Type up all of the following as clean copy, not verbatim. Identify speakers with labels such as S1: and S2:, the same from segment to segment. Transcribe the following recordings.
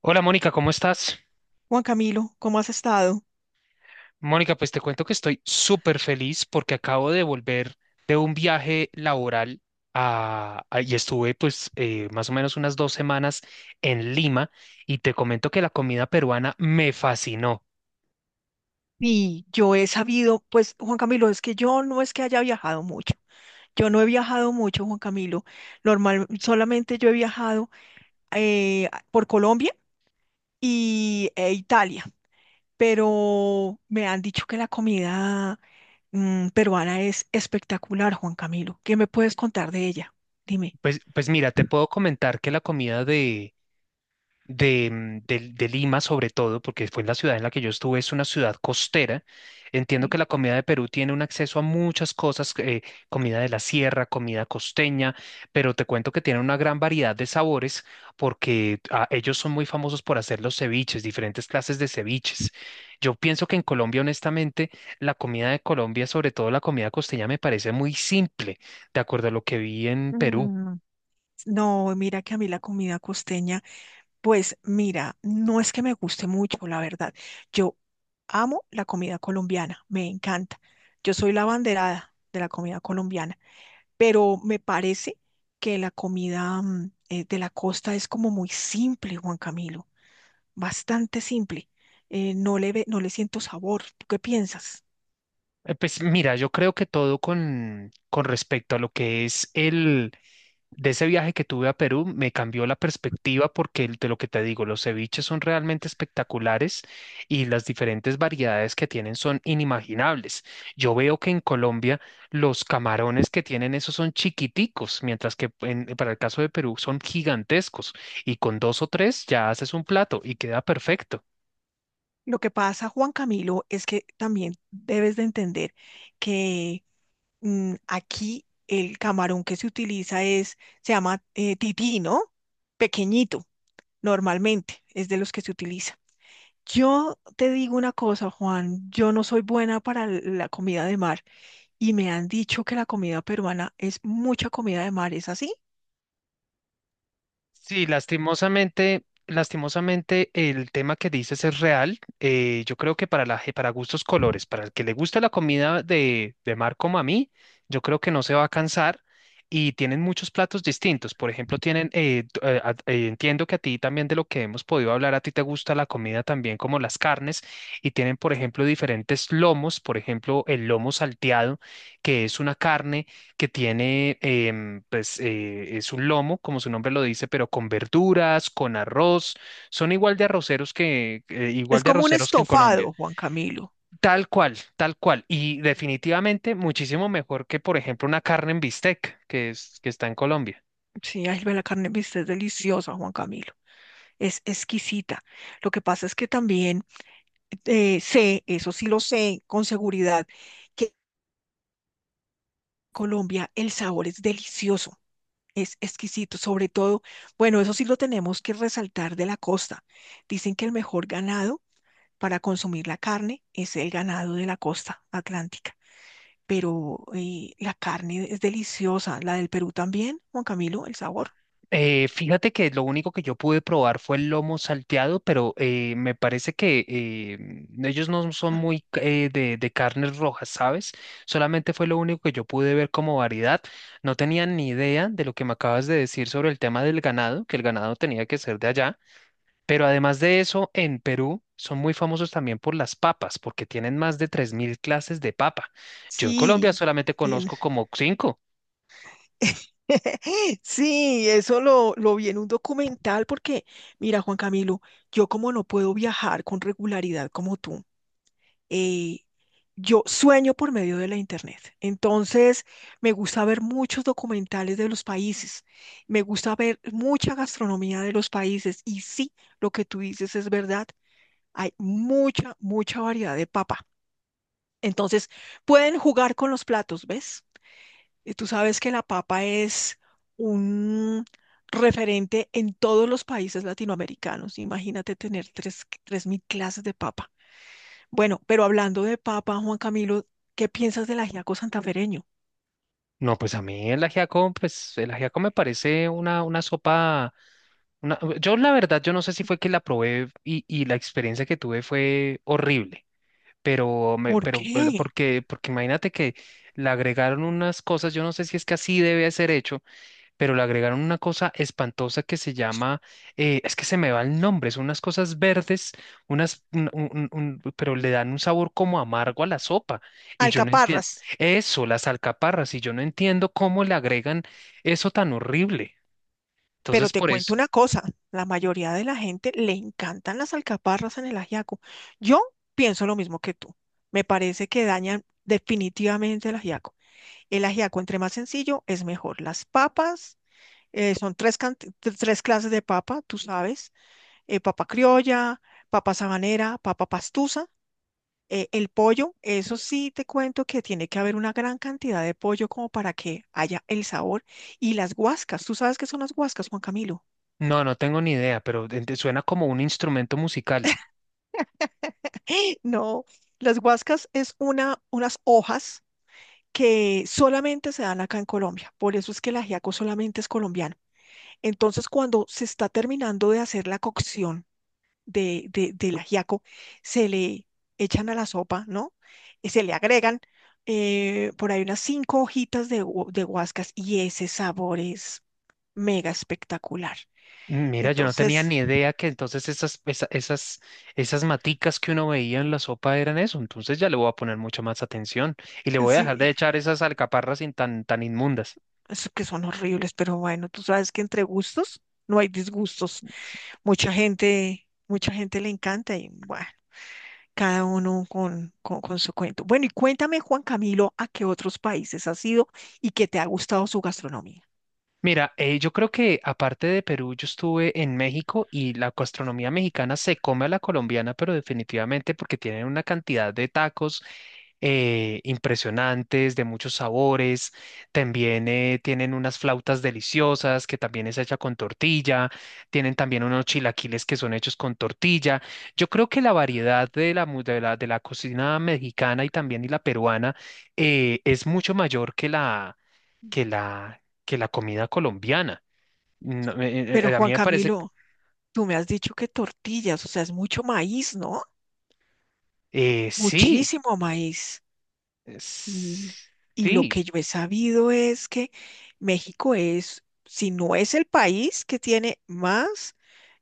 S1: Hola Mónica, ¿cómo estás?
S2: Juan Camilo, ¿cómo has estado?
S1: Mónica, pues te cuento que estoy súper feliz porque acabo de volver de un viaje laboral y estuve pues más o menos unas 2 semanas en Lima y te comento que la comida peruana me fascinó.
S2: Y yo he sabido, pues Juan Camilo, es que yo no es que haya viajado mucho. Yo no he viajado mucho, Juan Camilo. Normal, solamente yo he viajado por Colombia y e Italia, pero me han dicho que la comida peruana es espectacular, Juan Camilo. ¿Qué me puedes contar de ella? Dime.
S1: Pues mira, te puedo comentar que la comida de Lima sobre todo, porque fue la ciudad en la que yo estuve, es una ciudad costera. Entiendo que
S2: Sí.
S1: la comida de Perú tiene un acceso a muchas cosas, comida de la sierra, comida costeña, pero te cuento que tiene una gran variedad de sabores porque ellos son muy famosos por hacer los ceviches, diferentes clases de ceviches. Yo pienso que en Colombia, honestamente, la comida de Colombia, sobre todo la comida costeña, me parece muy simple, de acuerdo a lo que vi en Perú.
S2: Mm, no, mira que a mí la comida costeña. Pues mira, no es que me guste mucho, la verdad. Yo amo la comida colombiana, me encanta. Yo soy la abanderada de la comida colombiana, pero me parece que la comida de la costa es como muy simple, Juan Camilo, bastante simple. No le siento sabor. ¿Tú qué piensas?
S1: Pues mira, yo creo que todo con respecto a lo que es el de ese viaje que tuve a Perú me cambió la perspectiva porque de lo que te digo, los ceviches son realmente espectaculares y las diferentes variedades que tienen son inimaginables. Yo veo que en Colombia los camarones que tienen esos son chiquiticos, mientras que para el caso de Perú son gigantescos y con dos o tres ya haces un plato y queda perfecto.
S2: Lo que pasa, Juan Camilo, es que también debes de entender que aquí el camarón que se utiliza se llama tití, ¿no? Pequeñito, normalmente, es de los que se utiliza. Yo te digo una cosa, Juan, yo no soy buena para la comida de mar y me han dicho que la comida peruana es mucha comida de mar, ¿es así?
S1: Sí, lastimosamente, lastimosamente el tema que dices es real. Yo creo que para para gustos colores, para el que le gusta la comida de mar como a mí, yo creo que no se va a cansar y tienen muchos platos distintos. Por ejemplo, tienen, entiendo que a ti también de lo que hemos podido hablar, a ti te gusta la comida también como las carnes y tienen, por ejemplo, diferentes lomos, por ejemplo, el lomo salteado, que es una carne que tiene, es un lomo, como su nombre lo dice, pero con verduras, con arroz. Son igual de arroceros que, igual
S2: Es
S1: de
S2: como un
S1: arroceros que en Colombia.
S2: estofado, Juan Camilo.
S1: Tal cual, tal cual. Y definitivamente muchísimo mejor que, por ejemplo, una carne en bistec que es, que está en Colombia.
S2: Sí, ay, ve, la carne de bistec es deliciosa, Juan Camilo. Es exquisita. Lo que pasa es que también sé, eso sí lo sé con seguridad, que Colombia, el sabor es delicioso, es exquisito, sobre todo, bueno, eso sí lo tenemos que resaltar de la costa. Dicen que el mejor ganado para consumir la carne es el ganado de la costa atlántica, pero la carne es deliciosa, la del Perú también, Juan Camilo, el sabor.
S1: Fíjate que lo único que yo pude probar fue el lomo salteado, pero me parece que ellos no son muy de carnes rojas, ¿sabes? Solamente fue lo único que yo pude ver como variedad. No tenía ni idea de lo que me acabas de decir sobre el tema del ganado, que el ganado tenía que ser de allá. Pero además de eso, en Perú son muy famosos también por las papas, porque tienen más de 3.000 clases de papa. Yo en Colombia
S2: Sí,
S1: solamente
S2: bien.
S1: conozco como cinco.
S2: Sí, eso lo vi en un documental porque, mira, Juan Camilo, yo como no puedo viajar con regularidad como tú, eh, yo sueño por medio de la internet. Entonces, me gusta ver muchos documentales de los países, me gusta ver mucha gastronomía de los países y sí, lo que tú dices es verdad, hay mucha, mucha variedad de papa. Entonces, pueden jugar con los platos, ¿ves? Y tú sabes que la papa es un referente en todos los países latinoamericanos. Imagínate tener tres mil clases de papa. Bueno, pero hablando de papa, Juan Camilo, ¿qué piensas del ajiaco santafereño?
S1: No, pues a mí el ajiaco, pues el ajiaco me parece una sopa, una Yo la verdad, yo no sé si fue que la probé y la experiencia que tuve fue horrible, pero, me,
S2: ¿Por
S1: pero
S2: qué?
S1: porque, porque imagínate que le agregaron unas cosas, yo no sé si es que así debe ser hecho pero le agregaron una cosa espantosa que se llama, es que se me va el nombre, son unas cosas verdes, unas, pero le dan un sabor como amargo a la sopa. Y yo no entiendo,
S2: Alcaparras.
S1: eso, las alcaparras, y yo no entiendo cómo le agregan eso tan horrible.
S2: Pero
S1: Entonces,
S2: te
S1: por
S2: cuento
S1: eso,
S2: una cosa, la mayoría de la gente le encantan las alcaparras en el ajiaco. Yo pienso lo mismo que tú. Me parece que dañan definitivamente el ajiaco. El ajiaco, entre más sencillo, es mejor. Las papas, son tres, tres clases de papa, tú sabes, papa criolla, papa sabanera, papa pastusa. El pollo, eso sí te cuento que tiene que haber una gran cantidad de pollo como para que haya el sabor. Y las guascas, ¿tú sabes qué son las guascas, Juan Camilo?
S1: no, no tengo ni idea, pero suena como un instrumento musical.
S2: No, las guascas es unas hojas que solamente se dan acá en Colombia. Por eso es que el ajiaco solamente es colombiano. Entonces, cuando se está terminando de hacer la cocción, del ajiaco se le echan a la sopa, ¿no? Y se le agregan por ahí unas 5 hojitas de guascas y ese sabor es mega espectacular.
S1: Mira, yo no tenía
S2: Entonces,
S1: ni idea que entonces esas, esas, esas maticas que uno veía en la sopa eran eso. Entonces ya le voy a poner mucha más atención y le voy a dejar de
S2: sí,
S1: echar esas alcaparras sin tan, tan inmundas.
S2: es que son horribles, pero bueno, tú sabes que entre gustos no hay disgustos. Mucha gente le encanta y bueno, cada uno con su cuento. Bueno, y cuéntame, Juan Camilo, a qué otros países has ido y qué te ha gustado su gastronomía.
S1: Mira, yo creo que aparte de Perú, yo estuve en México y la gastronomía mexicana se come a la colombiana, pero definitivamente porque tienen una cantidad de tacos impresionantes, de muchos sabores. También tienen unas flautas deliciosas que también es hecha con tortilla. Tienen también unos chilaquiles que son hechos con tortilla. Yo creo que la variedad de la, mu- de la cocina mexicana y también y la peruana es mucho mayor que la que que la comida colombiana. No,
S2: Pero
S1: a mí
S2: Juan
S1: me parece,
S2: Camilo, tú me has dicho que tortillas, o sea, es mucho maíz, ¿no?
S1: sí,
S2: Muchísimo maíz. Y,
S1: es-
S2: y lo
S1: sí.
S2: que yo he sabido es que México es, si no es el país que tiene más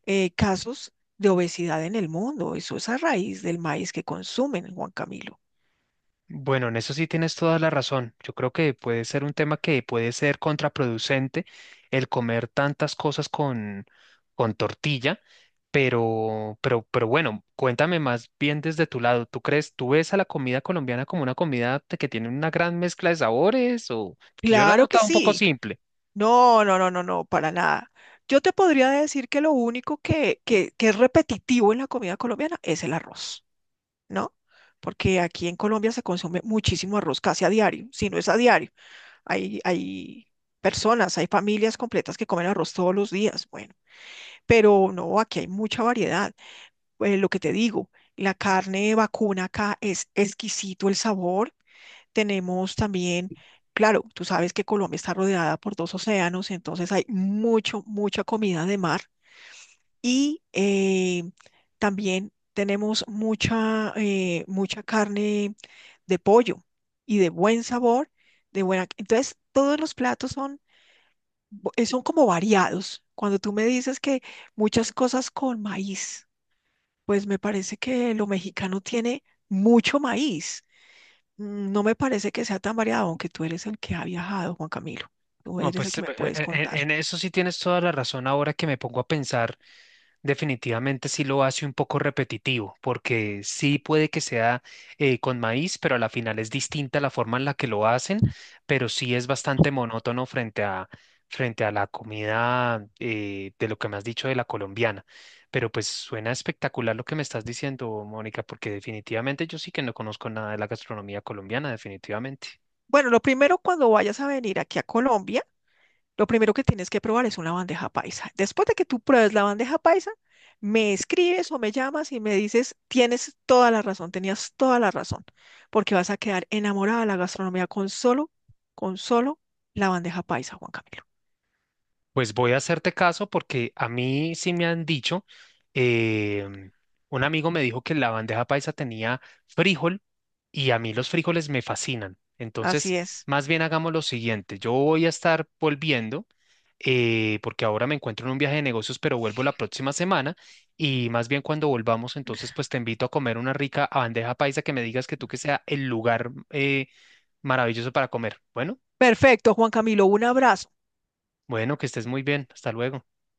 S2: casos de obesidad en el mundo, eso es a raíz del maíz que consumen, Juan Camilo.
S1: Bueno, en eso sí tienes toda la razón. Yo creo que puede ser un tema que puede ser contraproducente el comer tantas cosas con tortilla, pero bueno, cuéntame más bien desde tu lado. ¿Tú crees, tú ves a la comida colombiana como una comida que tiene una gran mezcla de sabores o que yo la he
S2: Claro que
S1: notado un poco
S2: sí.
S1: simple?
S2: No, no, no, no, no, para nada. Yo te podría decir que lo único que es repetitivo en la comida colombiana es el arroz, ¿no? Porque aquí en Colombia se consume muchísimo arroz casi a diario, si no es a diario. Hay personas, hay familias completas que comen arroz todos los días, bueno, pero no, aquí hay mucha variedad. Lo que te digo, la carne vacuna acá es exquisito el sabor, tenemos también, claro, tú sabes que Colombia está rodeada por 2 océanos, entonces hay mucho, mucha comida de mar y también tenemos mucha carne de pollo y de buen sabor, de buena. Entonces, todos los platos son, son como variados. Cuando tú me dices que muchas cosas con maíz, pues me parece que lo mexicano tiene mucho maíz. No me parece que sea tan variado, aunque tú eres el que ha viajado, Juan Camilo. Tú
S1: No,
S2: eres el
S1: pues
S2: que me puedes contar.
S1: eso sí tienes toda la razón. Ahora que me pongo a pensar, definitivamente sí lo hace un poco repetitivo, porque sí puede que sea con maíz, pero a la final es distinta la forma en la que lo hacen, pero sí es bastante monótono frente a, frente a la comida de lo que me has dicho de la colombiana. Pero pues suena espectacular lo que me estás diciendo, Mónica, porque definitivamente yo sí que no conozco nada de la gastronomía colombiana, definitivamente.
S2: Bueno, lo primero cuando vayas a venir aquí a Colombia, lo primero que tienes que probar es una bandeja paisa. Después de que tú pruebes la bandeja paisa, me escribes o me llamas y me dices, tienes toda la razón, tenías toda la razón, porque vas a quedar enamorada de la gastronomía con solo la bandeja paisa, Juan Camilo.
S1: Pues voy a hacerte caso porque a mí sí me han dicho, em, un amigo me dijo que la bandeja paisa tenía frijol y a mí los frijoles me fascinan. Entonces,
S2: Así es.
S1: más bien hagamos lo siguiente, yo voy a estar volviendo porque ahora me encuentro en un viaje de negocios, pero vuelvo la próxima semana y más bien cuando volvamos, entonces pues te invito a comer una rica bandeja paisa que me digas que tú que sea el lugar maravilloso para comer. Bueno,
S2: Perfecto, Juan Camilo, un abrazo.
S1: bueno, que estés muy bien, hasta luego.